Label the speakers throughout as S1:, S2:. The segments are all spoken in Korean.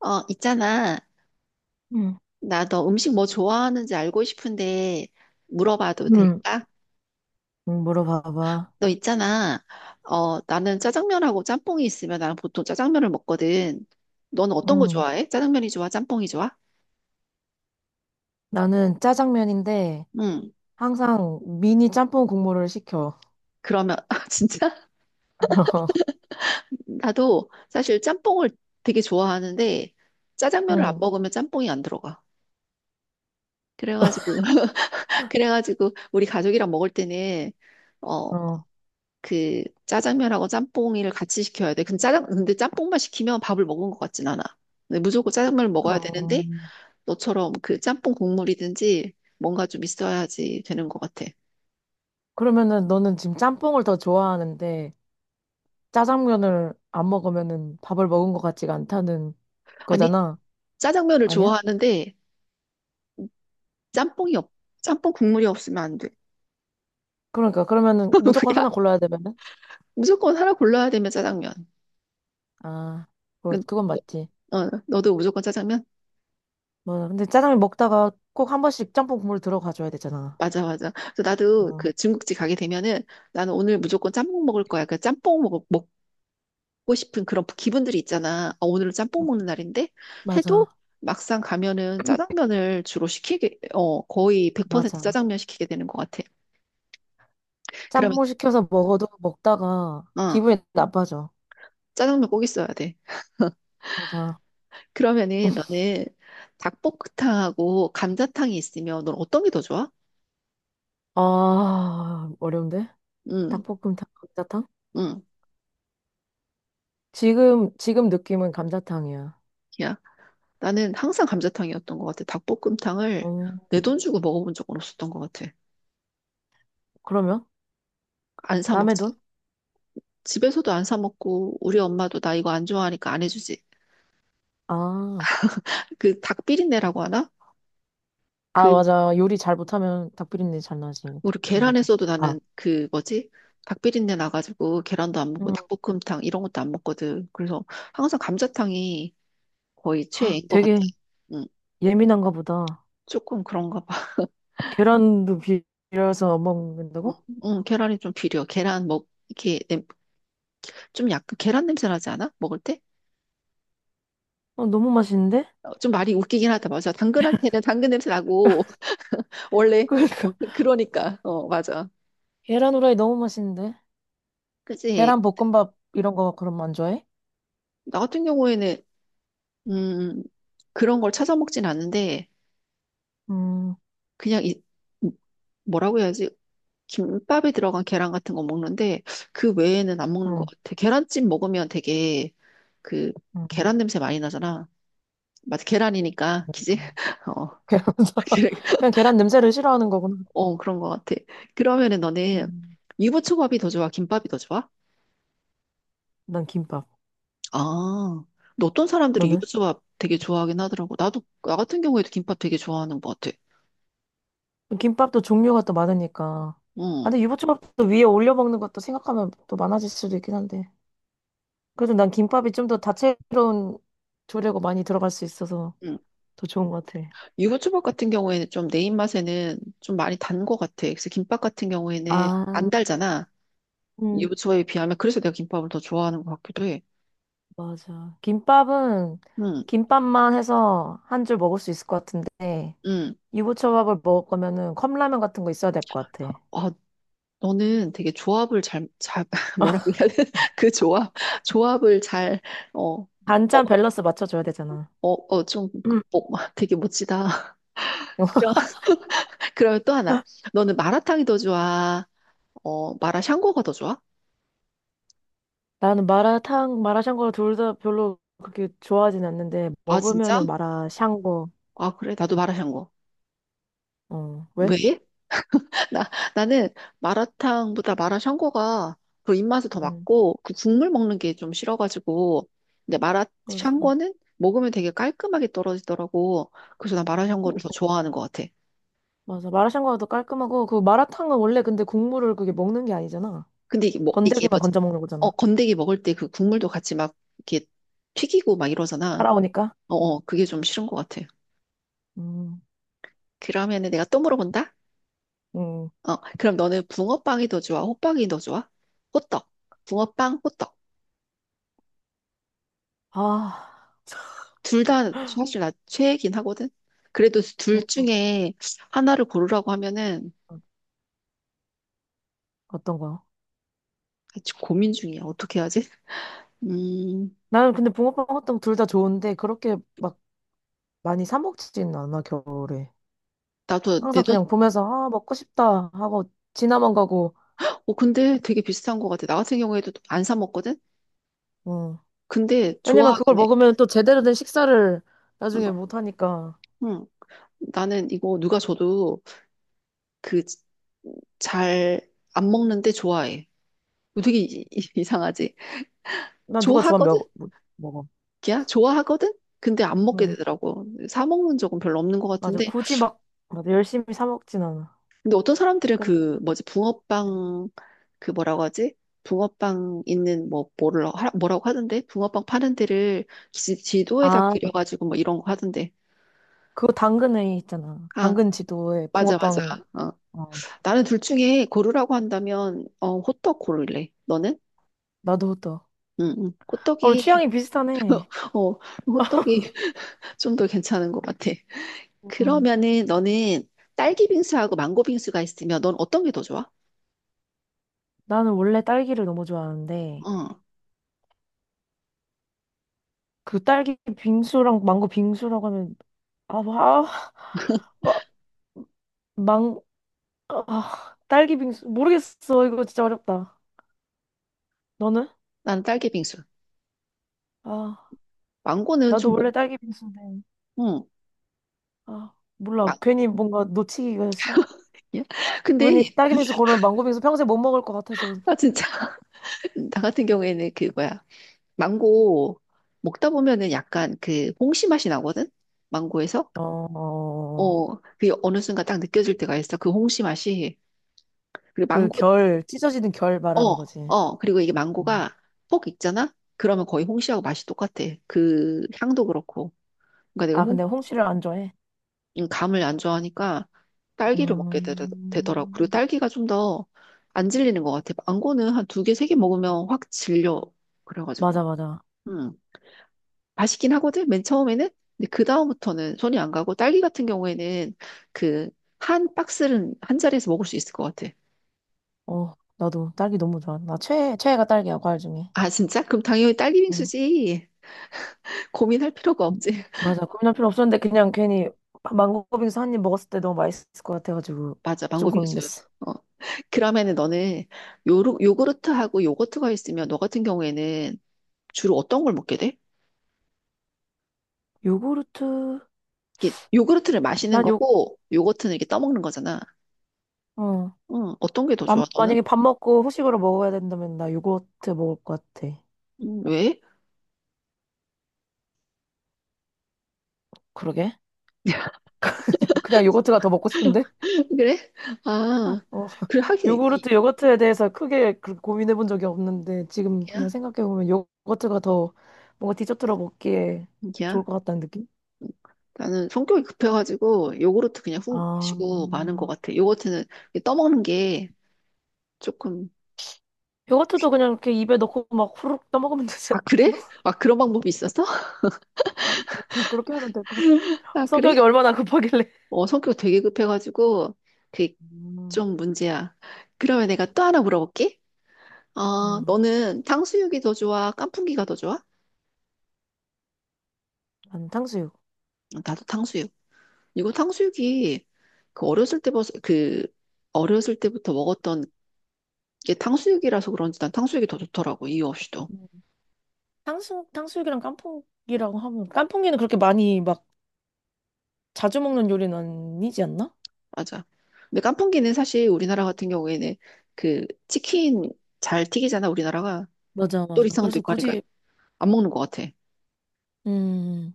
S1: 있잖아.
S2: 응,
S1: 나 너 음식 뭐 좋아하는지 알고 싶은데 물어봐도
S2: 응,
S1: 될까?
S2: 응, 물어봐봐.
S1: 너 있잖아. 나는 짜장면하고 짬뽕이 있으면 나는 보통 짜장면을 먹거든. 넌 어떤 거
S2: 응.
S1: 좋아해? 짜장면이 좋아? 짬뽕이 좋아?
S2: 나는 짜장면인데
S1: 응.
S2: 항상 미니 짬뽕 국물을 시켜.
S1: 그러면 아, 진짜 나도 사실 짬뽕을 되게 좋아하는데 짜장면을 안
S2: 응,
S1: 먹으면 짬뽕이 안 들어가. 그래가지고 그래가지고 우리 가족이랑 먹을 때는 어,
S2: 어,
S1: 그 짜장면하고 짬뽕이를 같이 시켜야 돼. 근데 짜장 근데 짬뽕만 시키면 밥을 먹은 것 같진 않아. 근데 무조건 짜장면을 먹어야 되는데
S2: 어.
S1: 너처럼 그 짬뽕 국물이든지 뭔가 좀 있어야지 되는 것 같아.
S2: 그러면은 너는 지금 짬뽕을 더 좋아하는데 짜장면을 안 먹으면은 밥을 먹은 것 같지가 않다는
S1: 아니
S2: 거잖아.
S1: 짜장면을
S2: 아니야?
S1: 좋아하는데 짬뽕이 없 짬뽕 국물이 없으면 안 돼.
S2: 그러니까 그러면은 무조건
S1: 야
S2: 하나 골라야 되면은
S1: 무조건 하나 골라야 되면 짜장면.
S2: 아, 그
S1: 그-
S2: 그건 맞지.
S1: 어, 너도 무조건 짜장면?
S2: 뭐 근데 짜장면 먹다가 꼭 한 번씩 짬뽕 국물 들어가줘야 되잖아.
S1: 맞아, 맞아. 그래서 나도
S2: 어,
S1: 그 중국집 가게 되면은 나는 오늘 무조건 짬뽕 먹을 거야. 그 짬뽕 먹, 먹고 싶은 그런 기분들이 있잖아. 아, 오늘은 짬뽕
S2: 어.
S1: 먹는 날인데 해도
S2: 맞아,
S1: 막상 가면은 짜장면을 주로 시키게, 어, 거의 100%
S2: 맞아.
S1: 짜장면 시키게 되는 것 같아. 그러면,
S2: 짬뽕 시켜서 먹어도 먹다가
S1: 어,
S2: 기분이 나빠져.
S1: 짜장면 꼭 있어야 돼.
S2: 맞아.
S1: 그러면은 너는 닭볶음탕하고 감자탕이 있으면 넌 어떤 게 더 좋아?
S2: 아, 어려운데?
S1: 응,
S2: 닭볶음탕, 감자탕?
S1: 응.
S2: 지금, 지금 느낌은 감자탕이야.
S1: 야, 나는 항상 감자탕이었던 것 같아. 닭볶음탕을
S2: 어,
S1: 내 돈 주고 먹어본 적은 없었던 것 같아.
S2: 그러면?
S1: 안 사
S2: 남의
S1: 먹지.
S2: 돈?
S1: 집에서도 안 사 먹고 우리 엄마도 나 이거 안 좋아하니까 안 해주지.
S2: 아,
S1: 그 닭 비린내라고 하나?
S2: 아,
S1: 그
S2: 맞아. 요리 잘 못하면 닭비린내 잘 나지.
S1: 우리
S2: 감자탕.
S1: 계란에서도
S2: 아,
S1: 나는 그 뭐지? 닭비린내 나가지고 계란도 안
S2: 음,
S1: 먹고 닭볶음탕 이런 것도 안 먹거든. 그래서 항상 감자탕이 거의 최애인 것 같아.
S2: 되게
S1: 응,
S2: 예민한가 보다.
S1: 조금 그런가 봐.
S2: 계란도 비려서
S1: 어,
S2: 먹는다고?
S1: 응, 계란이 좀 비려. 계란 먹 이렇게 좀 약간 계란 냄새 나지 않아? 먹을 때?
S2: 어, 너무 맛있는데?
S1: 어, 좀 말이 웃기긴 하다. 맞아. 당근 할 때는 당근 냄새 나고 원래
S2: 그러니까.
S1: 그러니까 어 맞아.
S2: 계란 후라이 너무 맛있는데?
S1: 그지?
S2: 계란 볶음밥 이런 거 그럼 안 좋아해?
S1: 나 같은 경우에는 음 그런 걸 찾아 먹진 않는데
S2: 음,
S1: 그냥 이 뭐라고 해야지? 김밥이 들어간 계란 같은 거 먹는데 그 외에는 안 먹는 것
S2: 음,
S1: 같아. 계란찜 먹으면 되게 그
S2: 음.
S1: 계란 냄새 많이 나잖아. 맞아, 계란이니까 기지? 어,
S2: 계란
S1: 그래.
S2: 그냥 계란 냄새를 싫어하는 거구나.
S1: 어, 그런 것 같아. 그러면은 너는
S2: 음,
S1: 유부초밥이 더 좋아? 김밥이 더 좋아?
S2: 난 김밥.
S1: 아, 근데 어떤 사람들이
S2: 너는?
S1: 유부초밥 되게 좋아하긴 하더라고. 나도 나 같은 경우에도 김밥 되게 좋아하는 것 같아.
S2: 김밥도 종류가 또 많으니까. 아,
S1: 응.
S2: 근데 유부초밥도 위에 올려 먹는 것도 생각하면 또 많아질 수도 있긴 한데. 그래도 난 김밥이 좀 더 다채로운 조리고 많이 들어갈 수 있어서
S1: 응.
S2: 더 좋은 것 같아.
S1: 유부초밥 같은 경우에는 좀 내 입맛에는 좀 많이 단 것 같아. 그래서 김밥 같은 경우에는 안
S2: 아,
S1: 달잖아.
S2: 음,
S1: 유부초에 비하면 그래서 내가 김밥을 더 좋아하는 것 같기도 해.
S2: 맞아. 김밥은
S1: 응,
S2: 김밥만 해서 한 줄 먹을 수 있을 것 같은데
S1: 응.
S2: 유부초밥을 먹을 거면은 컵라면 같은 거 있어야 될 것 같아.
S1: 아, 너는 되게 조합을 잘 뭐라고 해야 돼? 그 조합, 조합을 잘, 어, 어,
S2: 반찬 밸런스 맞춰줘야 되잖아.
S1: 되게 멋지다. 그럼, 그러면 또 하나. 너는 마라탕이 더 좋아? 마라샹궈가 더 좋아?
S2: 나는 마라탕, 마라샹궈 둘 다 별로 그렇게 좋아하진 않는데
S1: 아, 진짜?
S2: 먹으면은 마라샹궈.
S1: 아, 그래? 나도 마라샹궈.
S2: 어, 왜?
S1: 왜? 나, 나는 마라탕보다 마라샹궈가 그 입맛에 더
S2: 음.
S1: 맞고 그 국물 먹는 게 좀 싫어가지고 근데
S2: 맞아.
S1: 마라샹궈는 먹으면 되게 깔끔하게 떨어지더라고. 그래서 난
S2: 음,
S1: 마라샹궈를 더 좋아하는 것 같아.
S2: 맞아. 마라샹궈가 더 깔끔하고 그 마라탕은 원래 근데 국물을 그게 먹는 게 아니잖아.
S1: 근데 이게
S2: 건더기만
S1: 뭐지?
S2: 건져 먹는
S1: 어
S2: 거잖아.
S1: 건더기 먹을 때 그 국물도 같이 막 이렇게 튀기고 막 이러잖아.
S2: 따라오니까.
S1: 어, 어 그게 좀 싫은 것 같아.
S2: 음.
S1: 그러면은 내가 또 물어본다.
S2: 음.
S1: 어 그럼 너는 붕어빵이 더 좋아? 호빵이 더 좋아? 호떡. 붕어빵, 호떡.
S2: 아,
S1: 둘 다 사실 나 최애긴 하거든. 그래도 둘
S2: 붕어빵
S1: 중에 하나를 고르라고 하면은
S2: 어떤 거?
S1: 지금 고민 중이야. 어떻게 해야지? 음,
S2: 나는 근데 붕어빵 호떡 둘 다 좋은데 그렇게 막 많이 사 먹지는 않아 겨울에.
S1: 나도 내
S2: 항상
S1: 돈,
S2: 그냥 보면서 아 먹고 싶다 하고 지나만 가고.
S1: 어, 근데 되게 비슷한 것 같아. 나 같은 경우에도 안 사 먹거든?
S2: 어.
S1: 근데
S2: 왜냐면 그걸
S1: 좋아하긴 해.
S2: 먹으면 또 제대로 된 식사를 나중에
S1: 어,
S2: 못 하니까.
S1: 응. 나는 이거 누가 줘도 그 잘 안 먹는데 좋아해. 이거 되게 이상하지?
S2: 난 누가 좋아하면
S1: 좋아하거든?
S2: 먹, 못 먹어.
S1: 야, 좋아하거든? 근데 안 먹게
S2: 응.
S1: 되더라고. 사 먹는 적은 별로 없는 것
S2: 맞아.
S1: 같은데
S2: 굳이 막, 맞아. 열심히 사 먹진 않아.
S1: 근데 어떤 사람들은
S2: 그,
S1: 그 뭐지 붕어빵 그 뭐라고 하지? 붕어빵 있는 뭐라고 하던데? 붕어빵 파는 데를 지도에다
S2: 아,
S1: 그려가지고 뭐 이런 거 하던데.
S2: 그거 당근에 있잖아.
S1: 아
S2: 당근 지도에
S1: 맞아 맞아.
S2: 붕어빵.
S1: 어.
S2: 어.
S1: 나는 둘 중에 고르라고 한다면 어 호떡 고를래. 너는?
S2: 나도 또.
S1: 응, 응.
S2: 어, 우리
S1: 호떡이
S2: 취향이 비슷하네.
S1: 어 호떡이 좀 더 괜찮은 것 같아.
S2: 음.
S1: 그러면은 너는 딸기 빙수하고 망고 빙수가 있으면 넌 어떤 게 더 좋아?
S2: 나는 원래 딸기를 너무 좋아하는데,
S1: 응.
S2: 그 딸기 빙수랑 망고 빙수라고 하면, 아, 아, 막, 망, 아, 딸기 빙수. 모르겠어. 이거 진짜 어렵다. 너는?
S1: 나는 딸기 빙수.
S2: 아.
S1: 망고는 좀
S2: 나도
S1: 뭐,
S2: 원래 딸기 빙수인데
S1: 응.
S2: 아 몰라 괜히 뭔가 놓치기가 싫
S1: 예? 근데
S2: 괜히 딸기 빙수 고르면 망고 빙수 평생 못 먹을 것 같아서
S1: 아 진짜 나 같은 경우에는 그 뭐야 망고 먹다 보면은 약간 그 홍시 맛이 나거든 망고에서
S2: 어, 어,
S1: 어 그게 어느 순간 딱 느껴질 때가 있어 그 홍시 맛이 그리고
S2: 그
S1: 망고
S2: 결, 찢어지는 결 말하는
S1: 어
S2: 거지.
S1: 어 그리고 이게
S2: 어.
S1: 망고가 폭 익잖아 그러면 거의 홍시하고 맛이 똑같아 그 향도 그렇고 그러니까 내가
S2: 아
S1: 홍
S2: 근데 홍시를 안 좋아해
S1: 감을 안 좋아하니까 딸기를 먹게 되더라고 그리고
S2: 음,
S1: 딸기가 좀 더 안 질리는 것 같아 망고는 한 두 개 세 개 먹으면 확 질려 그래가지고
S2: 맞아 맞아
S1: 음. 맛있긴 하거든, 맨 처음에는. 근데 그다음부터는 손이 안 가고, 딸기 같은 경우에는 그, 한 박스는 한 자리에서 먹을 수 있을 것 같아.
S2: 어 나도 딸기 너무 좋아 나 최애 최애가 딸기야 과일 중에
S1: 아, 진짜? 그럼 당연히 딸기
S2: 응
S1: 빙수지. 고민할 필요가 없지.
S2: 맞아 고민할 필요 없었는데 그냥 괜히 망고 빙수 한 입 먹었을 때 너무 맛있을 것 같아가지고
S1: 맞아,
S2: 좀
S1: 망고 빙수.
S2: 고민됐어
S1: 어. 그러면은 너는 요구르트하고 요거트가 있으면 너 같은 경우에는 주로 어떤 걸 먹게 돼?
S2: 요구르트
S1: 이게 요구르트를 마시는
S2: 난요
S1: 거고, 요거트는 이렇게 떠먹는 거잖아. 응, 어떤 게 더 좋아,
S2: 맘-
S1: 너는?
S2: 만약에 밥 먹고 후식으로 먹어야 된다면 나 요거트 먹을 것 같아.
S1: 왜?
S2: 그러게. 그냥 요거트가 더 먹고 싶은데?
S1: 그래?
S2: 아,
S1: 아,
S2: 어,
S1: 그래, 하긴, 이,
S2: 요구르트, 요거트에 대해서 크게 그렇게 고민해 본 적이 없는데, 지금 그냥 생각해 보면 요거트가 더 뭔가 디저트로 먹기에
S1: 야,
S2: 좋을 것 같다는 느낌?
S1: 나는 성격이 급해가지고 요구르트 그냥 훅
S2: 아,
S1: 마시고 마는 것 같아. 요거트는 떠먹는 게 조금
S2: 요거트도 그냥 이렇게 입에 넣고 막 후루룩 떠먹으면 되지
S1: 아 그래?
S2: 않나?
S1: 아 그런 방법이 있었어?
S2: 어, 어, 그렇게 하면 될 것 같은데.
S1: 아 그래?
S2: 성격이 얼마나 급하길래.
S1: 어 성격 되게 급해가지고 그게
S2: 음,
S1: 좀 문제야. 그러면 내가 또 하나 물어볼게. 어
S2: 음,
S1: 너는 탕수육이 더 좋아? 깐풍기가 더 좋아?
S2: 난 탕수육.
S1: 어, 나도 탕수육. 이거 탕수육이 그 어렸을 때부터 그 어렸을 때부터 먹었던 게 탕수육이라서 그런지 난 탕수육이 더 좋더라고 이유 없이도.
S2: 탕수육, 탕수육이랑 깐풍기랑 하면 깐풍기는 그렇게 많이 막 자주 먹는 요리는 아니지 않나?
S1: 맞아. 근데 깐풍기는 사실 우리나라 같은 경우에는 그 치킨 잘 튀기잖아, 우리나라가.
S2: 맞아, 맞아.
S1: 또리상도
S2: 그래서
S1: 있고 하니까
S2: 굳이,
S1: 안 먹는 것 같아.
S2: 음,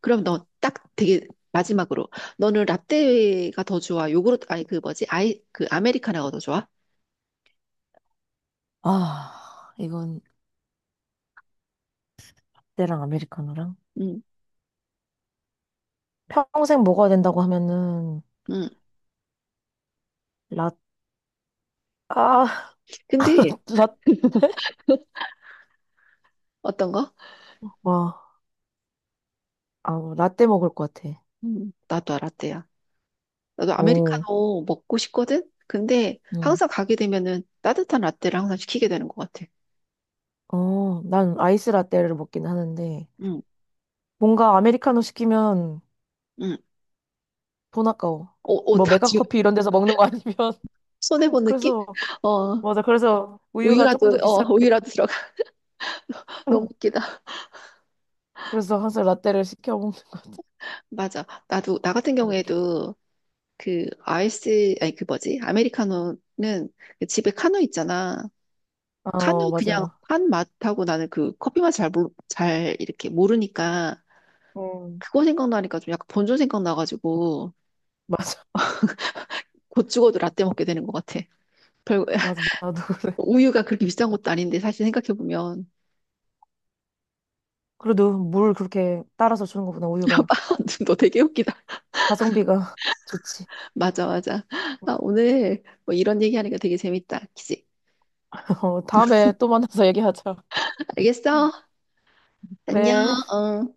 S1: 그럼 너 딱 되게 마지막으로 너는 라떼가 더 좋아? 요구르트 아니 그 뭐지? 아이 그 아메리카노가 더 좋아?
S2: 아, 이건 때랑 아메리카노랑.
S1: 응.
S2: 평생 먹어야 된다고 하면은
S1: 응.
S2: 라, 아,
S1: 근데
S2: 라,
S1: 어떤 거?
S2: 와, 아, 라떼 먹을 것 같아.
S1: 나도 라떼야. 나도
S2: 오,
S1: 아메리카노 먹고 싶거든? 근데
S2: 음,
S1: 항상 가게 되면은 따뜻한 라떼를 항상 시키게 되는 것 같아.
S2: 어, 난 아이스 라떼를 먹긴 하는데
S1: 응,
S2: 뭔가 아메리카노 시키면
S1: 응.
S2: 돈 아까워. 뭐
S1: 나 지금
S2: 메가커피 이런 데서 먹는 거 아니면
S1: 손해본 느낌?
S2: 그래서
S1: 어,
S2: 맞아. 그래서 우유가 조금
S1: 우유라도,
S2: 더
S1: 어,
S2: 비쌀 거니까.
S1: 우유라도 들어가. 너무 웃기다.
S2: 그래서 항상 라떼를 시켜 먹는 거야.
S1: 맞아. 나도, 나 같은
S2: 웃기네.
S1: 경우에도 그 아이스, 아니 그 뭐지? 아메리카노는 그 집에 카누 있잖아. 카누
S2: 어,
S1: 그냥
S2: 맞아.
S1: 한 맛하고 나는 그 커피 맛 잘 이렇게 모르니까
S2: 음.
S1: 그거 생각나니까 좀 약간 본전 생각나가지고
S2: 맞아.
S1: 곧 죽어도 라떼 먹게 되는 것 같아. 별,
S2: 맞아. 나도 그래.
S1: 우유가 그렇게 비싼 것도 아닌데 사실 생각해보면.
S2: 그래도 물 그렇게 따라서 주는 것보다 우유가
S1: 너 되게 웃기다.
S2: 가성비가 좋지.
S1: 맞아, 맞아. 아, 오늘 뭐 이런 얘기하니까 되게 재밌다. 그치?
S2: 어, 다음에 또 만나서 얘기하자.
S1: 알겠어? 안녕,
S2: 그래.
S1: 어.